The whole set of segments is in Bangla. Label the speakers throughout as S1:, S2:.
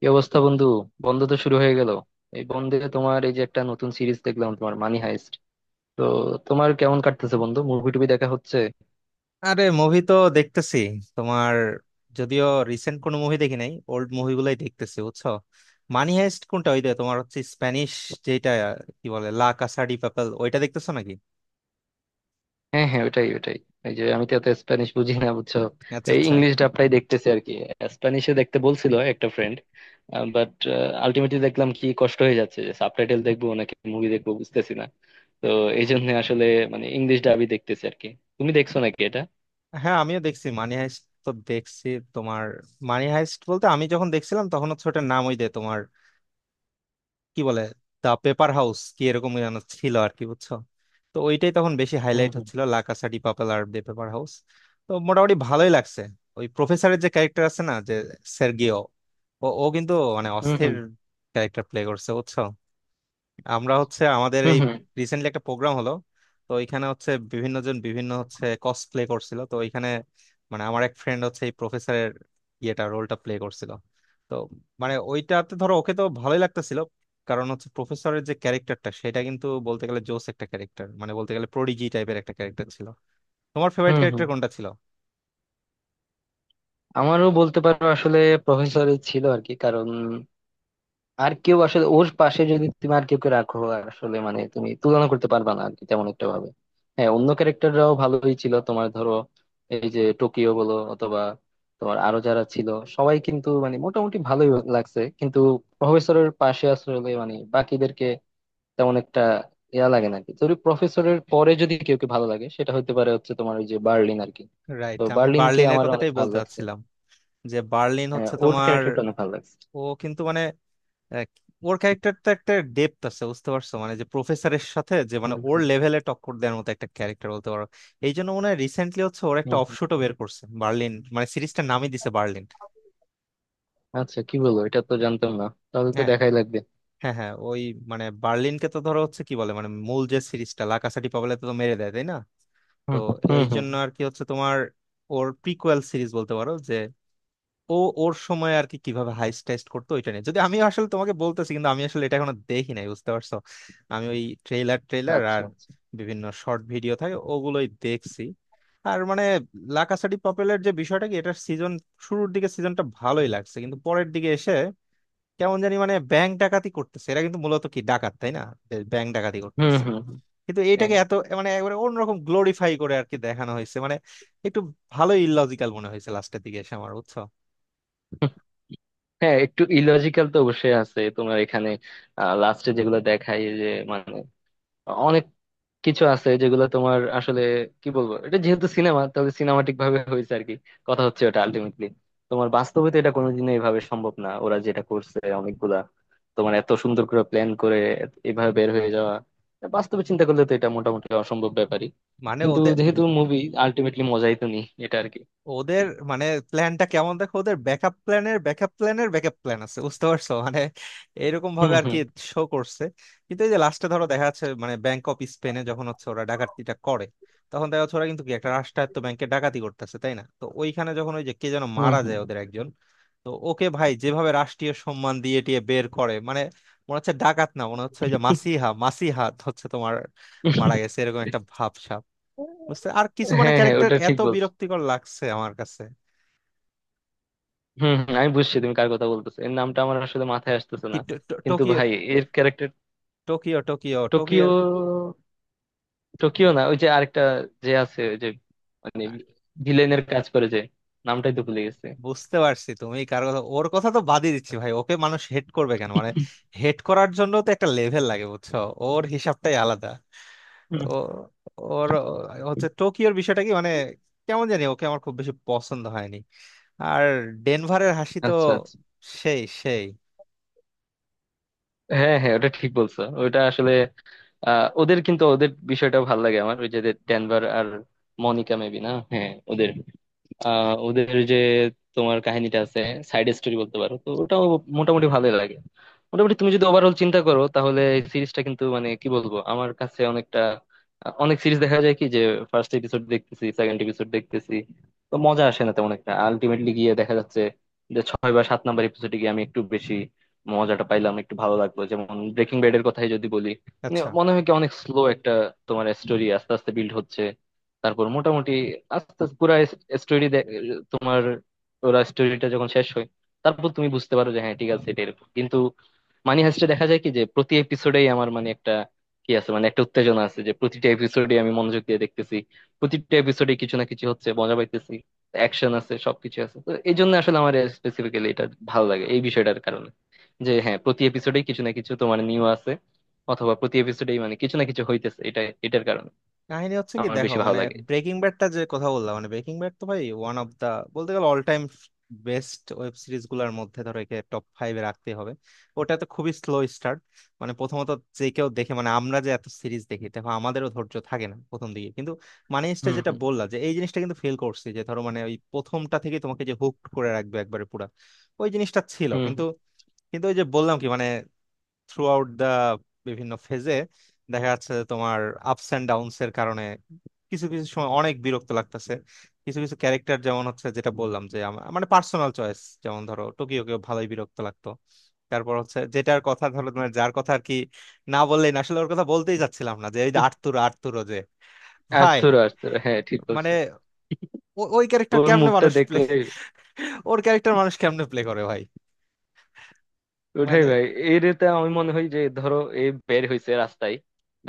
S1: কি অবস্থা বন্ধু? বন্ধ তো শুরু হয়ে গেল। এই বন্ধে তোমার এই যে একটা নতুন সিরিজ দেখলাম, তোমার মানি হাইস্ট। তো তোমার কেমন কাটতেছে বন্ধু? মুভি টুভি দেখা হচ্ছে?
S2: আরে মুভি তো দেখতেছি তোমার যদিও রিসেন্ট কোনো মুভি দেখি নাই ওল্ড মুভিগুলাই দেখতেছি বুঝছো। মানি হাইস্ট কোনটা ওই যে তোমার হচ্ছে স্প্যানিশ যেটা কি বলে লা কাসা ডি পাপেল ওইটা দেখতেছো নাকি?
S1: হ্যাঁ হ্যাঁ, ওটাই ওটাই। এই যে আমি তো এত স্প্যানিশ বুঝি না বুঝছো,
S2: আচ্ছা
S1: এই
S2: আচ্ছা।
S1: ইংলিশ ডাবটাই দেখতেছি আর কি। স্প্যানিশে দেখতে বলছিল একটা ফ্রেন্ড, বাট আলটিমেটলি দেখলাম কি কষ্ট হয়ে যাচ্ছে, যে সাবটাইটেল দেখবো নাকি মুভি দেখবো বুঝতেছি না। তো এই জন্য আসলে মানে ইংলিশ ডাবই দেখতেছি আর কি। তুমি দেখছো নাকি এটা?
S2: হ্যাঁ আমিও দেখছি মানি হাইস্ট তো দেখছি তোমার। মানি হাইস্ট বলতে আমি যখন দেখছিলাম তখন হচ্ছে ওটার নাম ওই যে তোমার কি বলে দা পেপার হাউস কি এরকম যেন ছিল আর কি বুঝছো। তো ওইটাই তখন বেশি
S1: হুম
S2: হাইলাইট
S1: হুম।
S2: হচ্ছিল, লা কাসা ডি পাপেল আর দ্য পেপার হাউস। তো মোটামুটি ভালোই লাগছে। ওই প্রফেসরের যে ক্যারেক্টার আছে না, যে সের্গিও, ও ও কিন্তু মানে
S1: হুম
S2: অস্থির
S1: হুম।
S2: ক্যারেক্টার প্লে করছে বুঝছো। আমরা হচ্ছে আমাদের
S1: হুম
S2: এই
S1: হুম।
S2: রিসেন্টলি একটা প্রোগ্রাম হলো, তো এখানে হচ্ছে বিভিন্ন জন বিভিন্ন হচ্ছে কসপ্লে করছিল তো এখানে মানে আমার এক ফ্রেন্ড হচ্ছে এই প্রফেসরের ইয়েটা রোলটা প্লে করছিল। তো মানে ওইটাতে ধরো ওকে তো ভালোই লাগতেছিল, কারণ হচ্ছে প্রফেসরের যে ক্যারেক্টারটা সেটা কিন্তু বলতে গেলে জোস একটা ক্যারেক্টার, মানে বলতে গেলে প্রোডিজি টাইপের একটা ক্যারেক্টার ছিল। তোমার ফেভারিট
S1: হুম হুম।
S2: ক্যারেক্টার কোনটা ছিল?
S1: আমারও বলতে পারো আসলে, প্রফেসরই ছিল আর কি, কারণ আর কেউ আসলে ওর পাশে যদি তুমি আর কেউ কে রাখো, আর আসলে মানে তুমি তুলনা করতে পারবা না আর কি তেমন একটা ভাবে। হ্যাঁ, অন্য ক্যারেক্টাররাও ভালোই ছিল তোমার, ধরো এই যে টোকিও বলো অথবা তোমার আরো যারা ছিল, সবাই কিন্তু মানে মোটামুটি ভালোই লাগছে। কিন্তু প্রফেসরের পাশে আসলে মানে বাকিদেরকে তেমন একটা ইয়া লাগে না আর কি। যদি প্রফেসরের পরে যদি কেউ কে ভালো লাগে, সেটা হতে পারে হচ্ছে তোমার ওই যে বার্লিন আর কি। তো
S2: রাইট, আমি
S1: বার্লিনকে
S2: বার্লিনের
S1: আমার অনেক
S2: কথাটাই
S1: ভালো
S2: বলতে
S1: লাগছে।
S2: চাচ্ছিলাম, যে বার্লিন
S1: হ্যাঁ,
S2: হচ্ছে
S1: ওর
S2: তোমার,
S1: ক্যারেক্টারটা অনেক ভালো লাগছে।
S2: ও কিন্তু মানে এক, ওর ক্যারেক্টারটা একটা ডেপথ আছে বুঝতে পারছো, মানে যে প্রফেসরের সাথে যে মানে
S1: হুম
S2: ওর
S1: হুম।
S2: লেভেলে টক্কর দেওয়ার মতো একটা ক্যারেক্টার বলতে পারো। এই জন্য মনে হয় রিসেন্টলি হচ্ছে ওর একটা
S1: হুম হুম।
S2: অফশুটও বের করছে, বার্লিন, মানে সিরিজটার নামই দিছে বার্লিন।
S1: আচ্ছা, কি বলবো, এটা তো জানতাম না। তাহলে তো
S2: হ্যাঁ
S1: দেখাই লাগবে।
S2: হ্যাঁ হ্যাঁ ওই মানে বার্লিনকে তো ধরো হচ্ছে কি বলে মানে মূল যে সিরিজটা লা কাসা ডি পাবলাতে তো মেরে দেয় তাই না। তো
S1: হুম হুম হুম
S2: এই
S1: হুম।
S2: জন্য আর কি হচ্ছে তোমার ওর প্রিকুয়েল সিরিজ বলতে পারো যে ও ওর সময় আর কি কিভাবে হাইস্ট টেস্ট করতো ওইটা নিয়ে, যদি আমি আসলে তোমাকে বলতেছি কিন্তু আমি আসলে এটা এখনো দেখি নাই বুঝতে পারছো। আমি ওই ট্রেলার ট্রেলার
S1: আচ্ছা
S2: আর
S1: আচ্ছা।
S2: বিভিন্ন শর্ট ভিডিও থাকে ওগুলোই দেখছি। আর মানে লাকাসাডি পপুলার যে বিষয়টা কি, এটার সিজন শুরুর দিকে সিজনটা ভালোই লাগছে কিন্তু পরের দিকে এসে কেমন জানি মানে ব্যাংক ডাকাতি করতেছে এরা কিন্তু মূলত কি ডাকাত তাই না, ব্যাংক ডাকাতি
S1: হুম
S2: করতেছে
S1: হুম হুম।
S2: কিন্তু
S1: হ্যাঁ।
S2: এইটাকে এত মানে একবারে অন্যরকম গ্লোরিফাই করে আর কি দেখানো হয়েছে মানে একটু ভালোই ইললজিক্যাল মনে হয়েছে লাস্টের দিকে এসে আমার বুঝছো।
S1: হুম। হ্যাঁ, একটু ইলজিক্যাল তো অবশ্যই আছে তোমার এখানে। লাস্টে যেগুলো দেখায় যে, মানে অনেক কিছু আছে যেগুলো তোমার আসলে, কি বলবো, এটা যেহেতু সিনেমা তাহলে সিনেমাটিক ভাবে হয়েছে আর কি। কথা হচ্ছে ওটা আলটিমেটলি তোমার বাস্তবে তো এটা কোনোদিনও এইভাবে সম্ভব না, ওরা যেটা করছে অনেকগুলা তোমার এত সুন্দর করে প্ল্যান করে এভাবে বের হয়ে যাওয়া, এটা বাস্তবে চিন্তা করলে তো এটা মোটামুটি অসম্ভব ব্যাপারই।
S2: মানে
S1: কিন্তু
S2: ওদের
S1: যেহেতু মুভি, আলটিমেটলি মজাই তো নি এটা আর কি।
S2: ওদের মানে প্ল্যানটা কেমন দেখো, ওদের ব্যাকআপ প্ল্যানের ব্যাকআপ প্ল্যানের ব্যাকআপ প্ল্যান আছে বুঝতে পারছো, মানে এরকম
S1: হুম
S2: ভাবে আর কি
S1: হুম।
S2: শো করছে। কিন্তু এই যে লাস্টে ধরো দেখা যাচ্ছে মানে ব্যাংক অফ স্পেনে যখন হচ্ছে ওরা ডাকাতিটা করে, তখন দেখা যাচ্ছে ওরা কিন্তু কি একটা রাষ্ট্রায়ত্ত ব্যাংকে ডাকাতি করতেছে তাই না। তো ওইখানে যখন ওই যে কে যেন
S1: হুম
S2: মারা
S1: হুম।
S2: যায় ওদের একজন, তো ওকে ভাই যেভাবে রাষ্ট্রীয় সম্মান দিয়ে টিয়ে বের করে মানে মনে হচ্ছে ডাকাত না, মনে হচ্ছে ওই যে মাসিহা, মাসিহা হচ্ছে তোমার মারা গেছে এরকম একটা ভাব। বুঝতে আর কিছু মানে
S1: হ্যাঁ হ্যাঁ,
S2: ক্যারেক্টার
S1: ওটা ঠিক
S2: এত
S1: বলছো।
S2: বিরক্তিকর লাগছে আমার কাছে।
S1: হম হম, আমি বুঝছি তুমি কার কথা বলতেছো, এর নামটা আমার আসলে মাথায় আসতেছে
S2: কি
S1: না।
S2: টো- টো-
S1: কিন্তু
S2: টোকিও।
S1: ভাই, এর character.
S2: Tokyo Tokyo Tokyo.
S1: Tokyo. Tokyo না, ওই যে আরেকটা যে আছে, ওই যে মানে ভিলেনের কাজ করে যে, নামটাই
S2: উম,
S1: তো ভুলে গেছে।
S2: বুঝতে পারছি তুমি কার কথা। ওর কথা তো বাদই দিচ্ছি ভাই, ওকে মানুষ হেড করবে কেন মানে হেড করার জন্য তো একটা লেভেল লাগে বুঝছো, ওর হিসাবটাই আলাদা।
S1: হুম।
S2: ও ওর হচ্ছে টোকিওর বিষয়টা কি মানে কেমন জানি ওকে আমার খুব বেশি পছন্দ হয়নি। আর ডেনভারের হাসি তো
S1: আচ্ছা আচ্ছা।
S2: সেই সেই।
S1: হ্যাঁ হ্যাঁ, ওটা ঠিক বলছো, ওটা আসলে ওদের কিন্তু ওদের বিষয়টা ভালো লাগে আমার, ওই যে ডেনভার আর মনিকা মেবি না। হ্যাঁ ওদের, ওদের যে তোমার কাহিনীটা আছে, সাইড স্টোরি বলতে পারো, তো ওটাও মোটামুটি ভালোই লাগে। মোটামুটি তুমি যদি ওভারঅল চিন্তা করো, তাহলে এই সিরিজটা কিন্তু মানে কি বলবো, আমার কাছে অনেকটা, অনেক সিরিজ দেখা যায় কি, যে ফার্স্ট এপিসোড দেখতেছি, সেকেন্ড এপিসোড দেখতেছি, তো মজা আসে না তেমন একটা। আলটিমেটলি গিয়ে দেখা যাচ্ছে যে 6 বা 7 নাম্বার এপিসোডে গিয়ে আমি একটু বেশি মজাটা পাইলাম, একটু ভালো লাগলো। যেমন ব্রেকিং ব্যাড এর কথাই যদি বলি, মানে
S2: আচ্ছা
S1: মনে হয় কি অনেক স্লো একটা তোমার স্টোরি আস্তে আস্তে বিল্ড হচ্ছে, তারপর মোটামুটি আস্তে আস্তে পুরা স্টোরি তোমার, ওরা স্টোরিটা যখন শেষ হয়, তারপর তুমি বুঝতে পারো যে হ্যাঁ ঠিক আছে, এটা এরকম। কিন্তু মানি হাইস্টে দেখা যায় কি, যে প্রতি এপিসোডেই আমার মানে একটা কি আছে, মানে একটা উত্তেজনা আছে, যে প্রতিটা এপিসোডে আমি মনোযোগ দিয়ে দেখতেছি। প্রতিটা এপিসোডে কিছু না কিছু হচ্ছে, মজা পাইতেছি, অ্যাকশন আছে, সবকিছু আছে। তো এই জন্য আসলে আমার স্পেসিফিক্যালি এটা ভালো লাগে, এই বিষয়টার কারণে যে হ্যাঁ প্রতি এপিসোডেই কিছু না কিছু তোমার নিউ আছে, অথবা প্রতি এপিসোডেই মানে কিছু না কিছু হইতেছে, এটা, এটার কারণে
S2: কাহিনী হচ্ছে কি
S1: আমার
S2: দেখো
S1: বেশি ভালো
S2: মানে
S1: লাগে।
S2: ব্রেকিং ব্যাডটা যে কথা বললাম মানে ব্রেকিং ব্যাড তো ভাই ওয়ান অফ দা বলতে গেলে all time best web series গুলার মধ্যে ধরো একে টপ ফাইভে রাখতে হবে। ওটা তো খুবই স্লো স্টার্ট, মানে প্রথমত যে কেউ দেখে মানে আমরা যে এত সিরিজ দেখি দেখো আমাদেরও ধৈর্য থাকে না প্রথম দিকে কিন্তু মানে স্টে
S1: হুম
S2: যেটা
S1: হুম।
S2: বললাম যে এই জিনিসটা কিন্তু ফিল করছি যে ধরো মানে ওই প্রথমটা থেকে তোমাকে যে হুক করে রাখবে একবারে পুরা ওই জিনিসটা ছিল
S1: হুম
S2: কিন্তু।
S1: হুম।
S2: কিন্তু ওই যে বললাম কি মানে থ্রু আউট দা বিভিন্ন ফেজে দেখা যাচ্ছে যে তোমার আপস এন্ড ডাউনস এর কারণে কিছু কিছু সময় অনেক বিরক্ত লাগতেছে। কিছু কিছু ক্যারেক্টার যেমন হচ্ছে, যেটা
S1: হুম।
S2: বললাম যে আমার মানে পার্সোনাল চয়েস, যেমন ধরো টোকিওকেও ভালোই বিরক্ত লাগতো। তারপর হচ্ছে যেটার কথা ধরো তোমার যার কথা আর কি না বললেই না আসলে, ওর কথা বলতেই যাচ্ছিলাম না, যে এই যে
S1: হুম।
S2: আর্তুরো, আর্তুরো যে ভাই
S1: আর্থুর, আর্থুর, হ্যাঁ ঠিক
S2: মানে
S1: বলছেন।
S2: ওই ক্যারেক্টার
S1: ওর
S2: কেমনে
S1: মুখটা
S2: মানুষ প্লে,
S1: দেখলে
S2: ওর ক্যারেক্টার মানুষ কেমনে প্লে করে ভাই
S1: ওঠাই
S2: মানে।
S1: ভাই। এর, এতে আমি মনে হয় যে, ধরো এ বের হইছে রাস্তায়,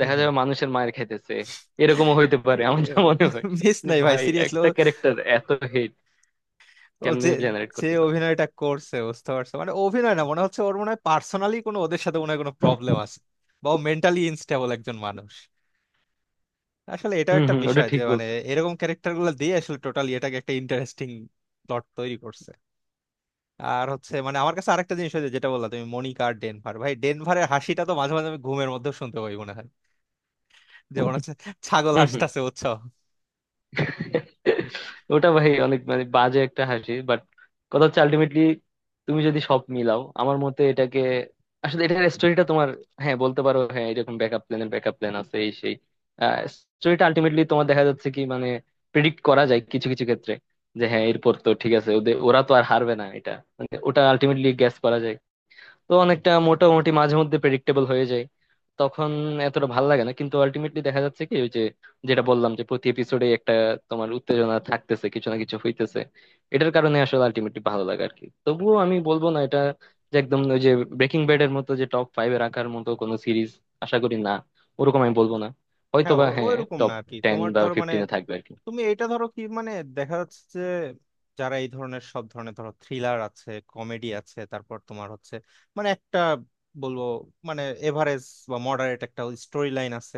S2: হম হম।
S1: যাবে মানুষের মায়ের খাইতেছে, এরকমও হইতে পারে আমার যা মনে হয়,
S2: মিস
S1: যে
S2: নাই ভাই
S1: ভাই
S2: সিরিয়াসলি।
S1: একটা ক্যারেক্টার এত হেট
S2: ও
S1: কেমনে
S2: যে
S1: জেনারেট
S2: যে
S1: করতে পারে।
S2: অভিনয়টা করছে বুঝতে পারছো মানে অভিনয় না মনে হচ্ছে ওর মনে হয় পার্সোনালি কোনো ওদের সাথে মনে হয় কোনো প্রবলেম আছে বা মেন্টালি ইনস্টেবল একজন মানুষ আসলে এটা
S1: হম
S2: একটা
S1: হম, ওটা
S2: বিষয় যে
S1: ঠিক
S2: মানে
S1: বলছো।
S2: এরকম ক্যারেক্টার গুলো দিয়ে আসলে টোটালি এটাকে একটা ইন্টারেস্টিং প্লট তৈরি করছে। আর হচ্ছে মানে আমার কাছে আরেকটা জিনিস হয়েছে যেটা বললা তুমি মনিকা আর ডেনভার, ভাই ডেনভারের হাসিটা তো মাঝে মাঝে আমি ঘুমের মধ্যে শুনতে পাই মনে হয়, যে মনে হচ্ছে ছাগল হাসতাছে উৎসাহ।
S1: ওটা ভাই অনেক মানে বাজে একটা হাসি, বাট কথা হচ্ছে আলটিমেটলি তুমি যদি সব মিলাও, আমার মতে এটাকে, আসলে এটার স্টোরিটা তোমার, হ্যাঁ বলতে পারো হ্যাঁ, এরকম ব্যাকআপ প্ল্যানের ব্যাকআপ প্ল্যান আছে এই সেই, স্টোরিটা আলটিমেটলি তোমার দেখা যাচ্ছে কি মানে প্রেডিক্ট করা যায় কিছু কিছু ক্ষেত্রে, যে হ্যাঁ এরপর তো ঠিক আছে, ওদের ওরা তো আর হারবে না এটা, মানে ওটা আলটিমেটলি গ্যাস করা যায়। তো অনেকটা মোটামুটি মাঝে মধ্যে প্রেডিক্টেবল হয়ে যায়, তখন এতটা ভালো লাগে না। কিন্তু আলটিমেটলি দেখা যাচ্ছে কি ওই যে, যেটা বললাম যে প্রতি এপিসোডে একটা তোমার উত্তেজনা থাকতেছে, কিছু না কিছু হইতেছে, এটার কারণে আসলে আলটিমেটলি ভালো লাগে আর কি। তবুও আমি বলবো না এটা, যে একদম ওই যে ব্রেকিং ব্যাড এর মতো যে টপ ফাইভে রাখার মতো কোনো সিরিজ, আশা করি না, ওরকম আমি বলবো না।
S2: হ্যাঁ
S1: হয়তোবা হ্যাঁ
S2: ওইরকম না
S1: টপ
S2: আর কি
S1: টেন
S2: তোমার
S1: বা
S2: ধরো মানে
S1: ফিফটিনে থাকবে আর কি।
S2: তুমি এটা ধরো কি মানে দেখা যাচ্ছে যে যারা এই ধরনের সব ধরনের ধরো থ্রিলার আছে কমেডি আছে তারপর তোমার হচ্ছে মানে একটা বলবো মানে এভারেজ বা মডারেট একটা স্টোরি লাইন আছে।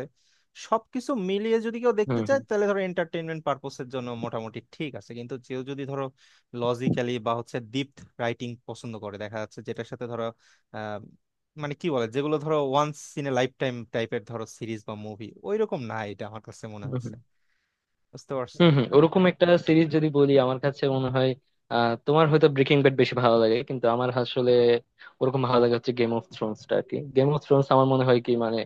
S2: সবকিছু মিলিয়ে যদি কেউ দেখতে
S1: হম
S2: চায়
S1: হম।
S2: তাহলে ধরো এন্টারটেইনমেন্ট পারপোসের জন্য মোটামুটি ঠিক আছে, কিন্তু কেউ যদি ধরো লজিক্যালি বা হচ্ছে ডিপ রাইটিং পছন্দ করে দেখা যাচ্ছে যেটার সাথে ধরো আহ মানে কি বলে যেগুলো ধরো once in a lifetime টাইপের ধরো সিরিজ বা মুভি ওইরকম না, এটা আমার কাছে মনে
S1: হম
S2: হচ্ছে
S1: হম।
S2: বুঝতে পারছো।
S1: হম হম, ওরকম একটা সিরিজ যদি বলি আমার কাছে মনে হয় আহ তোমার হয়তো ব্রেকিং ব্যাড বেশি ভালো লাগে, কিন্তু আমার আসলে ওরকম ভালো লাগে হচ্ছে গেম অফ থ্রোনসটা আর কি। গেম অফ থ্রোনস আমার মনে হয় কি মানে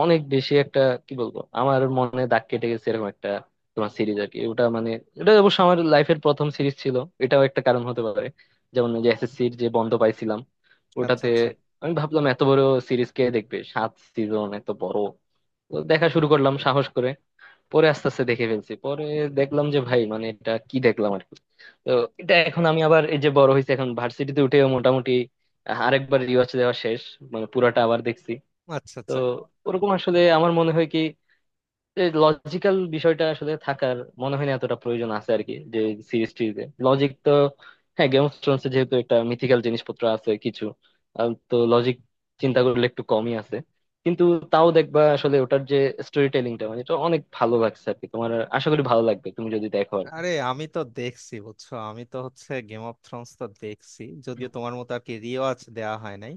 S1: অনেক বেশি একটা, কি বলবো, আমার মনে দাগ কেটে গেছে এরকম একটা তোমার সিরিজ আর কি। ওটা মানে এটা অবশ্য আমার লাইফের প্রথম সিরিজ ছিল, এটাও একটা কারণ হতে পারে। যেমন ওই যে এসএসসির যে বন্ধ পাইছিলাম
S2: আচ্ছা
S1: ওটাতে,
S2: আচ্ছা।
S1: আমি ভাবলাম এত বড় সিরিজ কে দেখবে, 7 সিজন এত বড়। তো দেখা শুরু করলাম সাহস করে, পরে আস্তে আস্তে দেখে ফেলছি। পরে দেখলাম যে ভাই, মানে এটা কি দেখলাম আর কি। তো এটা এখন আমি আবার, এই যে বড় হয়েছে এখন ভার্সিটিতে উঠে, মোটামুটি আরেকবার রিওয়াচ দেওয়া শেষ, মানে পুরাটা আবার দেখছি।
S2: আচ্ছা
S1: তো
S2: আচ্ছা।
S1: ওরকম আসলে আমার মনে হয় কি লজিক্যাল বিষয়টা আসলে থাকার মনে হয় না এতটা প্রয়োজন আছে আর কি, যে সিরিজ টিরিজে লজিক তো, হ্যাঁ গেম অফ থ্রোনস যেহেতু একটা মিথিক্যাল জিনিসপত্র আছে কিছু, তো লজিক চিন্তা করলে একটু কমই আছে। কিন্তু তাও দেখবা আসলে ওটার যে স্টোরি টেলিংটা, মানে এটা অনেক ভালো লাগছে আর কি তোমার। আশা করি ভালো লাগবে তুমি যদি দেখো আর কি।
S2: আরে আমি তো দেখছি বুঝছো, আমি তো হচ্ছে গেম অফ থ্রোনস তো দেখছি যদিও
S1: হুম,
S2: তোমার মতো আর কি রিওয়াজ দেওয়া হয় নাই।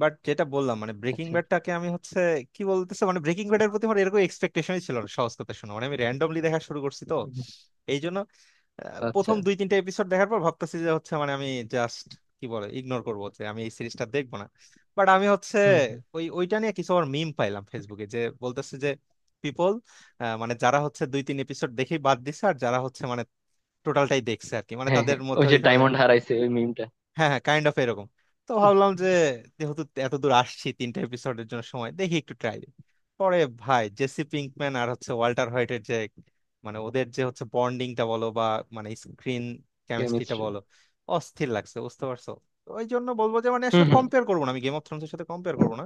S2: বাট যেটা বললাম মানে ব্রেকিং
S1: আচ্ছা।
S2: ব্যাডটাকে আমি হচ্ছে কি বলতেছে মানে ব্রেকিং ব্যাডের প্রতি আমার এরকম এক্সপেকটেশনই ছিল না সহজ কথা শোনো মানে আমি র্যান্ডমলি দেখা শুরু করছি তো
S1: হুম,
S2: এই জন্য
S1: আচ্ছা।
S2: প্রথম দুই তিনটা এপিসোড দেখার পর ভাবতেছি যে হচ্ছে মানে আমি জাস্ট কি বলে ইগনোর করবো যে আমি এই সিরিজটা দেখবো না। বাট আমি হচ্ছে
S1: হুম হুম।
S2: ওইটা নিয়ে কিছু আমার মিম পাইলাম ফেসবুকে যে বলতেছে যে পিপল মানে যারা হচ্ছে দুই তিন এপিসোড দেখেই বাদ দিছে আর যারা হচ্ছে মানে টোটালটাই দেখছে আর কি মানে
S1: হ্যাঁ
S2: তাদের
S1: হ্যাঁ,
S2: মধ্যে
S1: ওই যে
S2: ওই ধরনের।
S1: ডায়মন্ড হারাইছে ওই মিমটা।
S2: হ্যাঁ হ্যাঁ, কাইন্ড অফ এরকম। তো ভাবলাম যে যেহেতু এত দূর আসছি তিনটা এপিসোডের জন্য সময় দেখি একটু ট্রাই দিই, পরে ভাই জেসি পিঙ্কম্যান আর হচ্ছে ওয়াল্টার হোয়াইটের যে মানে ওদের যে হচ্ছে বন্ডিংটা বলো বা মানে স্ক্রিন কেমিস্ট্রিটা
S1: কেমিস্ট্রি।
S2: বলো অস্থির লাগছে বুঝতে পারছো। তো ওই জন্য বলবো যে মানে আসলে কম্পেয়ার করবো না, আমি গেম অফ থ্রোনস এর সাথে কম্পেয়ার করবো না,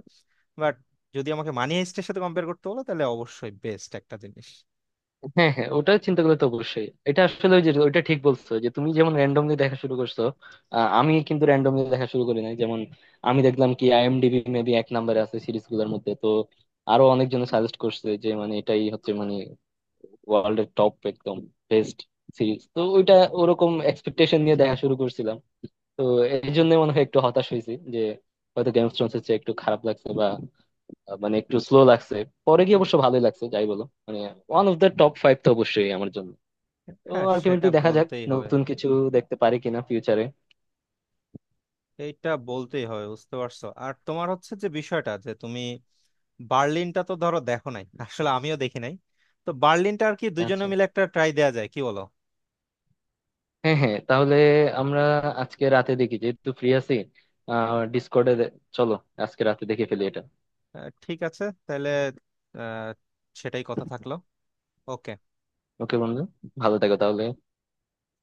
S2: বাট যদি আমাকে মানি হাইস্টের সাথে কম্পেয়ার করতে হলো তাহলে অবশ্যই বেস্ট একটা জিনিস।
S1: হ্যাঁ হ্যাঁ, ওটা চিন্তা করলে তো অবশ্যই, এটা আসলে ওই যে ওইটা ঠিক বলছো যে তুমি যেমন র্যান্ডমলি দেখা শুরু করছো, আমি কিন্তু র্যান্ডমলি দেখা শুরু করি নাই। যেমন আমি দেখলাম কি আইএমডিবি মেবি 1 নম্বরে আছে সিরিজ গুলোর মধ্যে, তো আরো অনেকজন সাজেস্ট করছে যে মানে এটাই হচ্ছে মানে ওয়ার্ল্ডের টপ একদম বেস্ট সিরিজ, তো ওইটা ওরকম এক্সপেকটেশন নিয়ে দেখা শুরু করছিলাম। তো এই জন্য মনে হয় একটু হতাশ হয়েছি, যে হয়তো গেমস থ্রোনস হচ্ছে একটু খারাপ লাগছে বা, মানে একটু স্লো লাগছে। পরে গিয়ে অবশ্য ভালোই লাগছে যাই বলো, মানে one of the top five তো অবশ্যই আমার জন্য। তো
S2: হ্যাঁ সেটা
S1: আলটিমেটলি দেখা যাক
S2: বলতেই হবে।
S1: নতুন কিছু দেখতে পারি কিনা ফিউচারে।
S2: এইটা বলতেই হবে বুঝতে পারছো। আর তোমার হচ্ছে যে বিষয়টা যে তুমি বার্লিনটা তো ধরো দেখো নাই আসলে আমিও দেখি নাই। তো বার্লিনটা আর কি দুজনে
S1: আচ্ছা।
S2: মিলে একটা ট্রাই দেয়া যায় কি বলো?
S1: হ্যাঁ হ্যাঁ, তাহলে আমরা আজকে রাতে দেখি যেহেতু ফ্রি আছি। আহ ডিসকর্ডে, চলো আজকে রাতে দেখে ফেলি এটা।
S2: ঠিক আছে তাহলে। আহ, সেটাই কথা থাকলো। ওকে।
S1: ওকে বন্ধু, ভালো থাকো তাহলে।